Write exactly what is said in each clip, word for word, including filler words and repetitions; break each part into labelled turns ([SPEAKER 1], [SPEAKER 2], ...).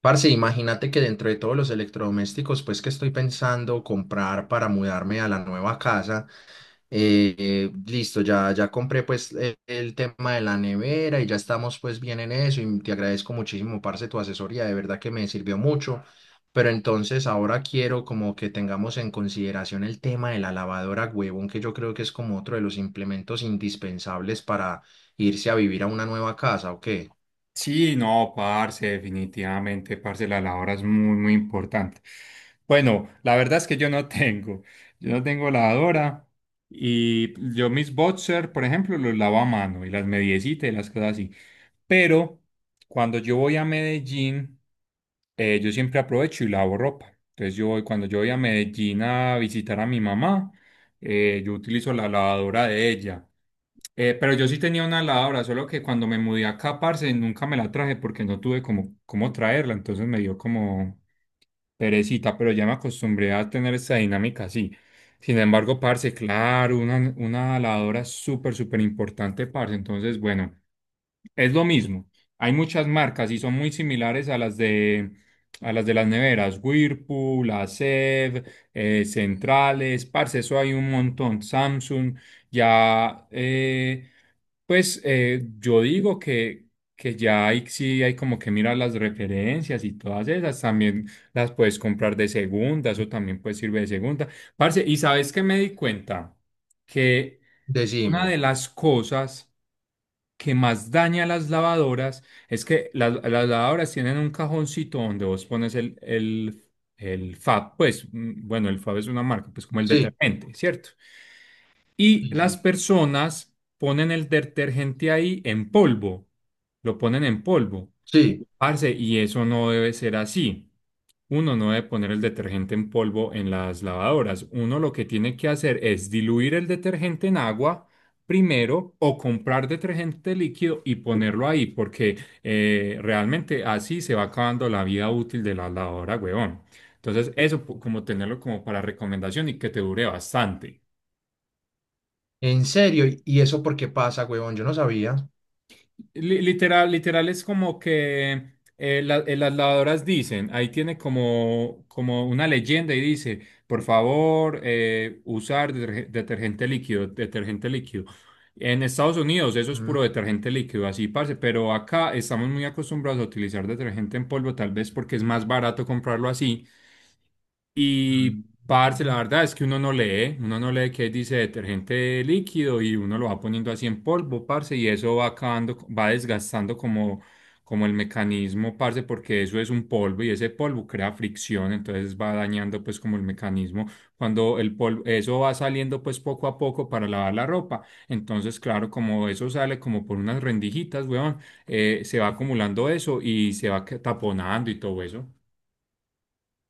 [SPEAKER 1] Parce, imagínate que dentro de todos los electrodomésticos, pues que estoy pensando comprar para mudarme a la nueva casa, eh, eh, listo, ya, ya compré pues el, el tema de la nevera y ya estamos pues bien en eso y te agradezco muchísimo, parce, tu asesoría, de verdad que me sirvió mucho, pero entonces ahora quiero como que tengamos en consideración el tema de la lavadora, huevón, que yo creo que es como otro de los implementos indispensables para irse a vivir a una nueva casa, ¿o qué?
[SPEAKER 2] Sí, no, parce, definitivamente, parce, la labor es muy, muy importante. Bueno, la verdad es que yo no tengo, yo no tengo lavadora y yo mis boxer, por ejemplo, los lavo a mano y las mediecitas y las cosas así. Pero cuando yo voy a Medellín, eh, yo siempre aprovecho y lavo ropa. Entonces yo voy, cuando yo voy a Medellín a visitar a mi mamá, eh, yo utilizo la lavadora de ella. Eh, pero yo sí tenía una lavadora, solo que cuando me mudé acá, parce, nunca me la traje porque no tuve como cómo traerla, entonces me dio como, perecita, pero ya me acostumbré a tener esta dinámica así. Sin embargo, parce, claro, una, una lavadora súper, súper importante, parce. Entonces, bueno, es lo mismo. Hay muchas marcas y son muy similares a las de, a las de las neveras. Whirlpool, Acer, eh, Centrales, parce, eso hay un montón. Samsung, ya, eh, pues eh, yo digo que, que ya hay, sí hay como que mirar las referencias y todas esas. También las puedes comprar de segunda, eso también puede servir de segunda. Parce, ¿y sabes qué me di cuenta? Que una
[SPEAKER 1] Decime.
[SPEAKER 2] de las cosas que más daña a las lavadoras es que las, las lavadoras tienen un cajoncito donde vos pones el, el, el FAB, pues mm, bueno, el FAB es una marca, pues como el
[SPEAKER 1] Sí,
[SPEAKER 2] detergente, ¿cierto? Y
[SPEAKER 1] sí,
[SPEAKER 2] las
[SPEAKER 1] sí.
[SPEAKER 2] personas ponen el detergente ahí en polvo, lo ponen en polvo.
[SPEAKER 1] Sí.
[SPEAKER 2] Parce, y eso no debe ser así. Uno no debe poner el detergente en polvo en las lavadoras. Uno lo que tiene que hacer es diluir el detergente en agua primero o comprar detergente líquido y ponerlo ahí, porque eh, realmente así se va acabando la vida útil de la lavadora, huevón. Entonces, eso pu- como tenerlo como para recomendación y que te dure bastante.
[SPEAKER 1] En serio, ¿y y eso por qué pasa, huevón? Yo no sabía.
[SPEAKER 2] Li- Literal, literal es como que eh, la- eh, las lavadoras dicen, ahí tiene como, como una leyenda y dice, por favor, eh, usar deterge- detergente líquido, detergente líquido. En Estados Unidos eso es
[SPEAKER 1] Mm,
[SPEAKER 2] puro detergente líquido, así parce, pero acá estamos muy acostumbrados a utilizar detergente en polvo, tal vez porque es más barato comprarlo así y, parce, la
[SPEAKER 1] mm.
[SPEAKER 2] verdad es que uno no lee, uno no lee qué dice detergente líquido y uno lo va poniendo así en polvo, parce, y eso va acabando, va desgastando como, como el mecanismo, parce, porque eso es un polvo y ese polvo crea fricción, entonces va dañando pues como el mecanismo. Cuando el polvo, eso va saliendo pues poco a poco para lavar la ropa, entonces claro, como eso sale como por unas rendijitas, weón, eh, se va acumulando eso y se va que- taponando y todo eso.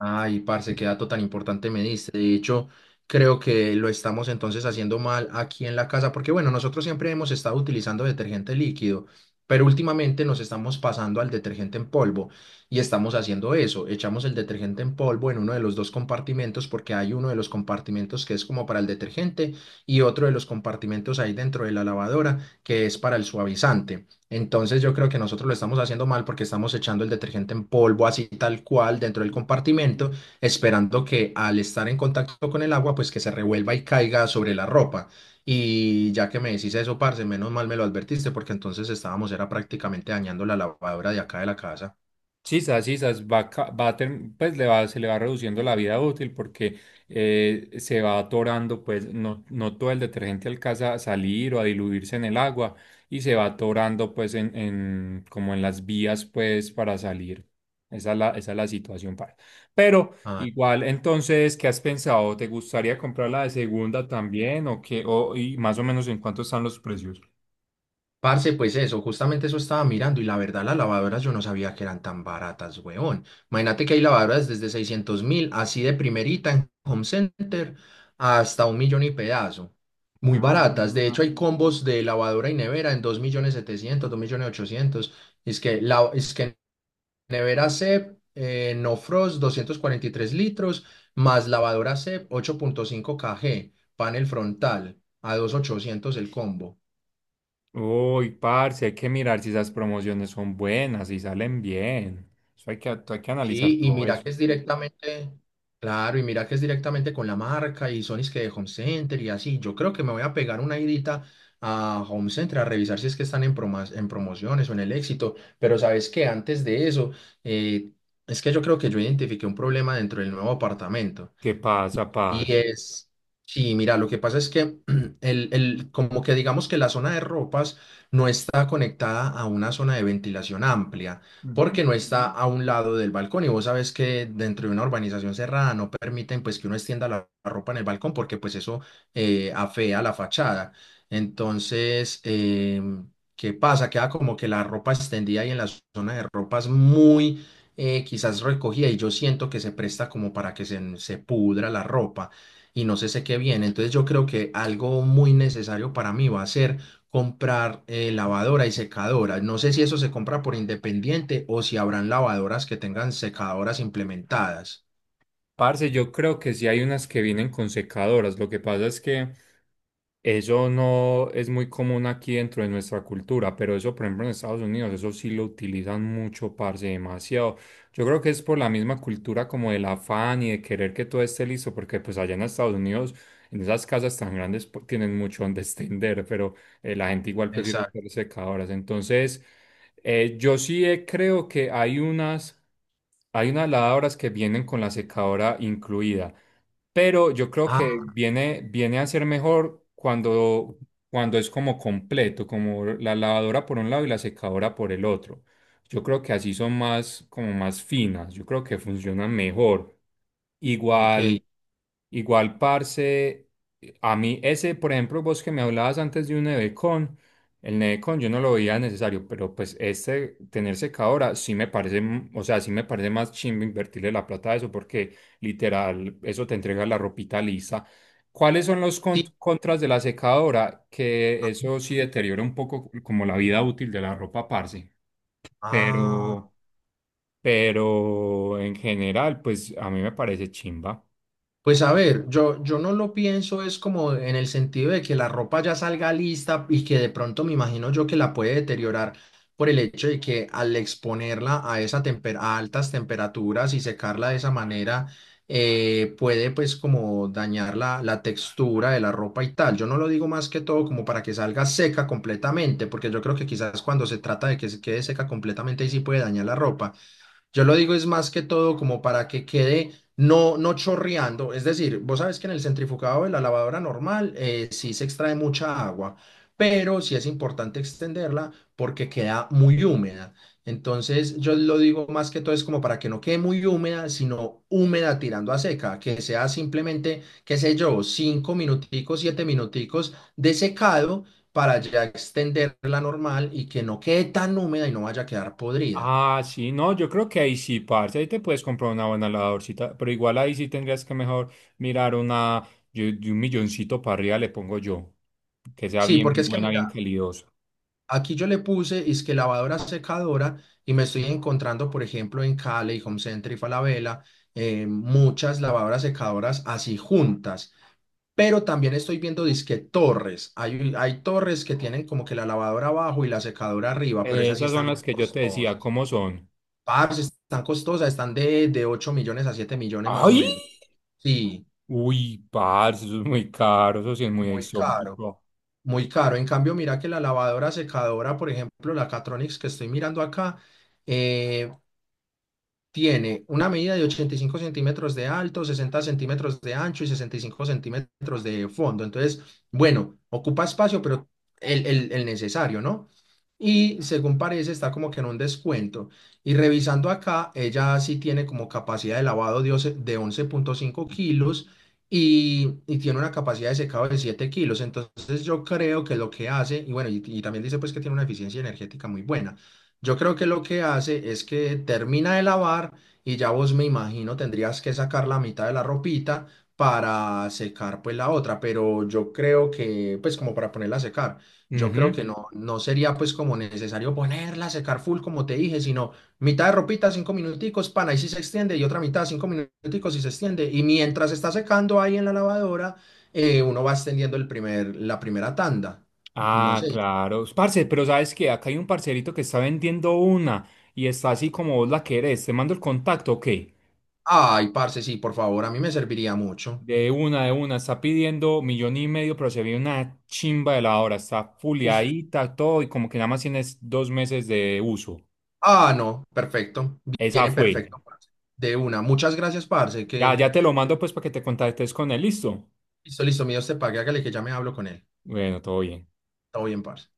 [SPEAKER 1] Ay, parce, qué dato tan importante me diste. De hecho, creo que lo estamos entonces haciendo mal aquí en la casa, porque bueno, nosotros siempre hemos estado utilizando detergente líquido, pero últimamente nos estamos pasando al detergente en polvo y estamos haciendo eso. Echamos el detergente en polvo en uno de los dos compartimentos, porque hay uno de los compartimentos que es como para el detergente y otro de los compartimentos ahí dentro de la lavadora que es para el suavizante. Entonces yo creo que nosotros lo estamos haciendo mal porque estamos echando el detergente en polvo así tal cual dentro del compartimento, esperando que al estar en contacto con el agua, pues que se revuelva y caiga sobre la ropa. Y ya que me decís eso, parce, menos mal me lo advertiste porque entonces estábamos, era prácticamente dañando la lavadora de acá de la casa.
[SPEAKER 2] Sisas, sisas, va, ca- va a term- pues le va, se le va reduciendo la vida útil porque eh, se va atorando, pues no, no todo el detergente alcanza a salir o a diluirse en el agua y se va atorando pues en, en- como en las vías pues para salir. Esa es la, esa es la situación para. Pero igual, entonces, ¿qué has pensado? ¿Te gustaría comprar la de segunda también o qué? ¿O, y más o menos en cuánto están los precios?
[SPEAKER 1] Parce, pues eso, justamente eso estaba mirando y la verdad las lavadoras yo no sabía que eran tan baratas, weón. Imagínate que hay lavadoras desde seiscientos mil, así de primerita en Home Center, hasta un millón y pedazo. Muy
[SPEAKER 2] Ah,
[SPEAKER 1] baratas, de hecho hay combos de lavadora y nevera en dos millones setecientos, dos millones ochocientos. Es que, la, es que nevera C E P, eh, no frost, doscientos cuarenta y tres litros, más lavadora C E P, ocho punto cinco kg, panel frontal, a dos mil ochocientos el combo.
[SPEAKER 2] uy, parce, hay que mirar si esas promociones son buenas, si salen bien. Eso hay que, hay que analizar
[SPEAKER 1] Sí, y
[SPEAKER 2] todo
[SPEAKER 1] mira
[SPEAKER 2] eso.
[SPEAKER 1] que es directamente, claro, y mira que es directamente con la marca y Sony's que de Home Center y así. Yo creo que me voy a pegar una idita a Home Center a revisar si es que están en, promas- en promociones o en el éxito. Pero sabes que antes de eso, eh, es que yo creo que yo identifiqué un problema dentro del nuevo apartamento.
[SPEAKER 2] ¿Qué pasa,
[SPEAKER 1] Y
[SPEAKER 2] parce?
[SPEAKER 1] es, sí, mira, lo que pasa es que el, el- como que digamos que la zona de ropas no está conectada a una zona de ventilación amplia,
[SPEAKER 2] Ujú.
[SPEAKER 1] porque no está a un lado del balcón. Y vos sabes que dentro de una urbanización cerrada no permiten pues que uno extienda la, la ropa en el balcón, porque pues eso eh, afea la fachada. Entonces, em, ¿qué pasa? Queda como que la ropa extendida y en la zona de ropas muy eh, quizás recogida y yo siento que se presta como para que se, se pudra la ropa y no se seque bien. Entonces yo creo que algo muy necesario para mí va a ser comprar eh, lavadora y secadora. No sé si eso se compra por independiente o si habrán lavadoras que tengan secadoras implementadas.
[SPEAKER 2] Parce, yo creo que sí hay unas que vienen con secadoras. Lo que pasa es que eso no es muy común aquí dentro de nuestra cultura, pero eso, por ejemplo, en Estados Unidos, eso sí lo utilizan mucho, parce, demasiado. Yo creo que es por la misma cultura como del afán y de querer que todo esté listo, porque pues allá en Estados Unidos, en esas casas tan grandes, pues, tienen mucho donde extender, pero eh, la gente igual prefiere
[SPEAKER 1] Exacto.
[SPEAKER 2] usar secadoras. Entonces, eh, yo sí eh, creo que hay unas. Hay unas lavadoras que vienen con la secadora incluida, pero yo creo que
[SPEAKER 1] Ah,
[SPEAKER 2] viene, viene a ser mejor cuando, cuando es como completo, como la lavadora por un lado y la secadora por el otro. Yo creo que así son más, como más finas, yo creo que funcionan mejor.
[SPEAKER 1] ok.
[SPEAKER 2] Igual. Igual, parce, a mí ese, por ejemplo, vos que me hablabas antes de un Nevecon, el Nevecon yo no lo veía necesario, pero pues este tener secadora sí me parece, m- o sea, sí me parece más chimbo invertirle la plata a eso porque literal eso te entrega la ropita lisa. ¿Cuáles son los con-
[SPEAKER 1] Sí.
[SPEAKER 2] contras de la secadora? Que eso sí deteriora un poco como la vida útil de la ropa, parce,
[SPEAKER 1] Ah.
[SPEAKER 2] pero, pero en general, pues a mí me parece chimba.
[SPEAKER 1] Pues a ver, yo, yo no lo pienso, es como en el sentido de que la ropa ya salga lista y que de pronto me imagino yo que la puede deteriorar por el hecho de que al exponerla a, esa temper- a altas temperaturas y secarla de esa manera, eh, puede pues como dañar la, la textura de la ropa y tal. Yo no lo digo más que todo como para que salga seca completamente, porque yo creo que quizás cuando se trata de que se quede seca completamente, ahí sí puede dañar la ropa. Yo lo digo es más que todo como para que quede no, no chorreando. Es decir, vos sabes que en el centrifugado de la lavadora normal eh, sí se extrae mucha agua, pero sí es importante extenderla porque queda muy húmeda. Entonces yo lo digo más que todo es como para que no quede muy húmeda, sino húmeda tirando a seca, que sea simplemente, qué sé yo, cinco minuticos, siete minuticos de secado para ya extenderla normal y que no quede tan húmeda y no vaya a quedar podrida.
[SPEAKER 2] Ah, sí, no, yo creo que ahí sí, parce, ahí te puedes comprar una buena lavadorcita, pero igual ahí sí tendrías que mejor mirar una, yo de un milloncito para arriba le pongo yo, que sea
[SPEAKER 1] Sí, porque
[SPEAKER 2] bien
[SPEAKER 1] es que
[SPEAKER 2] buena, bien
[SPEAKER 1] mira,
[SPEAKER 2] calidosa.
[SPEAKER 1] aquí yo le puse es que lavadora secadora y me estoy encontrando, por ejemplo, en Cali, Home Center y Falabella, eh, muchas lavadoras secadoras así juntas. Pero también estoy viendo disque torres. Hay, hay torres que tienen como que la lavadora abajo y la secadora arriba, pero
[SPEAKER 2] Eh,
[SPEAKER 1] esas sí
[SPEAKER 2] esas son
[SPEAKER 1] están
[SPEAKER 2] las
[SPEAKER 1] muy
[SPEAKER 2] que yo te decía,
[SPEAKER 1] costosas.
[SPEAKER 2] ¿cómo son?
[SPEAKER 1] Parce, están costosas, están de, de ocho millones a siete millones más o
[SPEAKER 2] ¡Ay!
[SPEAKER 1] menos. Sí,
[SPEAKER 2] Uy, parce, eso es muy caro, eso sí es muy
[SPEAKER 1] muy caro,
[SPEAKER 2] exótico.
[SPEAKER 1] muy caro. En cambio, mira que la lavadora secadora, por ejemplo, la Catronics que estoy mirando acá, eh, tiene una medida de ochenta y cinco centímetros de alto, sesenta centímetros de ancho y sesenta y cinco centímetros de fondo. Entonces, bueno, ocupa espacio, pero el, el- el necesario, ¿no? Y según parece, está como que en un descuento. Y revisando acá, ella sí tiene como capacidad de lavado de once de once punto cinco kilos y, y tiene una capacidad de secado de siete kilos. Entonces, yo creo que lo que hace, y bueno, y y también dice pues que tiene una eficiencia energética muy buena. Yo creo que lo que hace es que termina de lavar y ya vos me imagino tendrías que sacar la mitad de la ropita para secar pues la otra, pero yo creo que pues como para ponerla a secar, yo creo
[SPEAKER 2] Ujú.
[SPEAKER 1] que no, no sería pues como necesario ponerla a secar full como te dije, sino mitad de ropita, cinco minuticos, pan, ahí sí se extiende y otra mitad, cinco minuticos y se extiende y mientras está secando ahí en la lavadora, eh, uno va extendiendo el primer, la primera tanda, no
[SPEAKER 2] Ah,
[SPEAKER 1] sé.
[SPEAKER 2] claro. Parce, pero ¿sabes qué? Acá hay un parcerito que está vendiendo una y está así como vos la querés, ¿te mando el contacto o qué?
[SPEAKER 1] Ay, parce, sí, por favor, a mí me serviría mucho.
[SPEAKER 2] De una, de una, está pidiendo millón y medio, pero se ve una chimba de la hora, está
[SPEAKER 1] Uf.
[SPEAKER 2] fuliadita, todo, y como que nada más tienes dos meses de uso.
[SPEAKER 1] Ah, no, perfecto.
[SPEAKER 2] Esa
[SPEAKER 1] Viene
[SPEAKER 2] fue.
[SPEAKER 1] perfecto, parce. De una. Muchas gracias, parce.
[SPEAKER 2] Ya,
[SPEAKER 1] Que
[SPEAKER 2] ya te lo mando pues para que te contactes con él, listo.
[SPEAKER 1] listo, listo, mío, te pague. Hágale que ya me hablo con él.
[SPEAKER 2] Bueno, todo bien.
[SPEAKER 1] Todo bien, parce.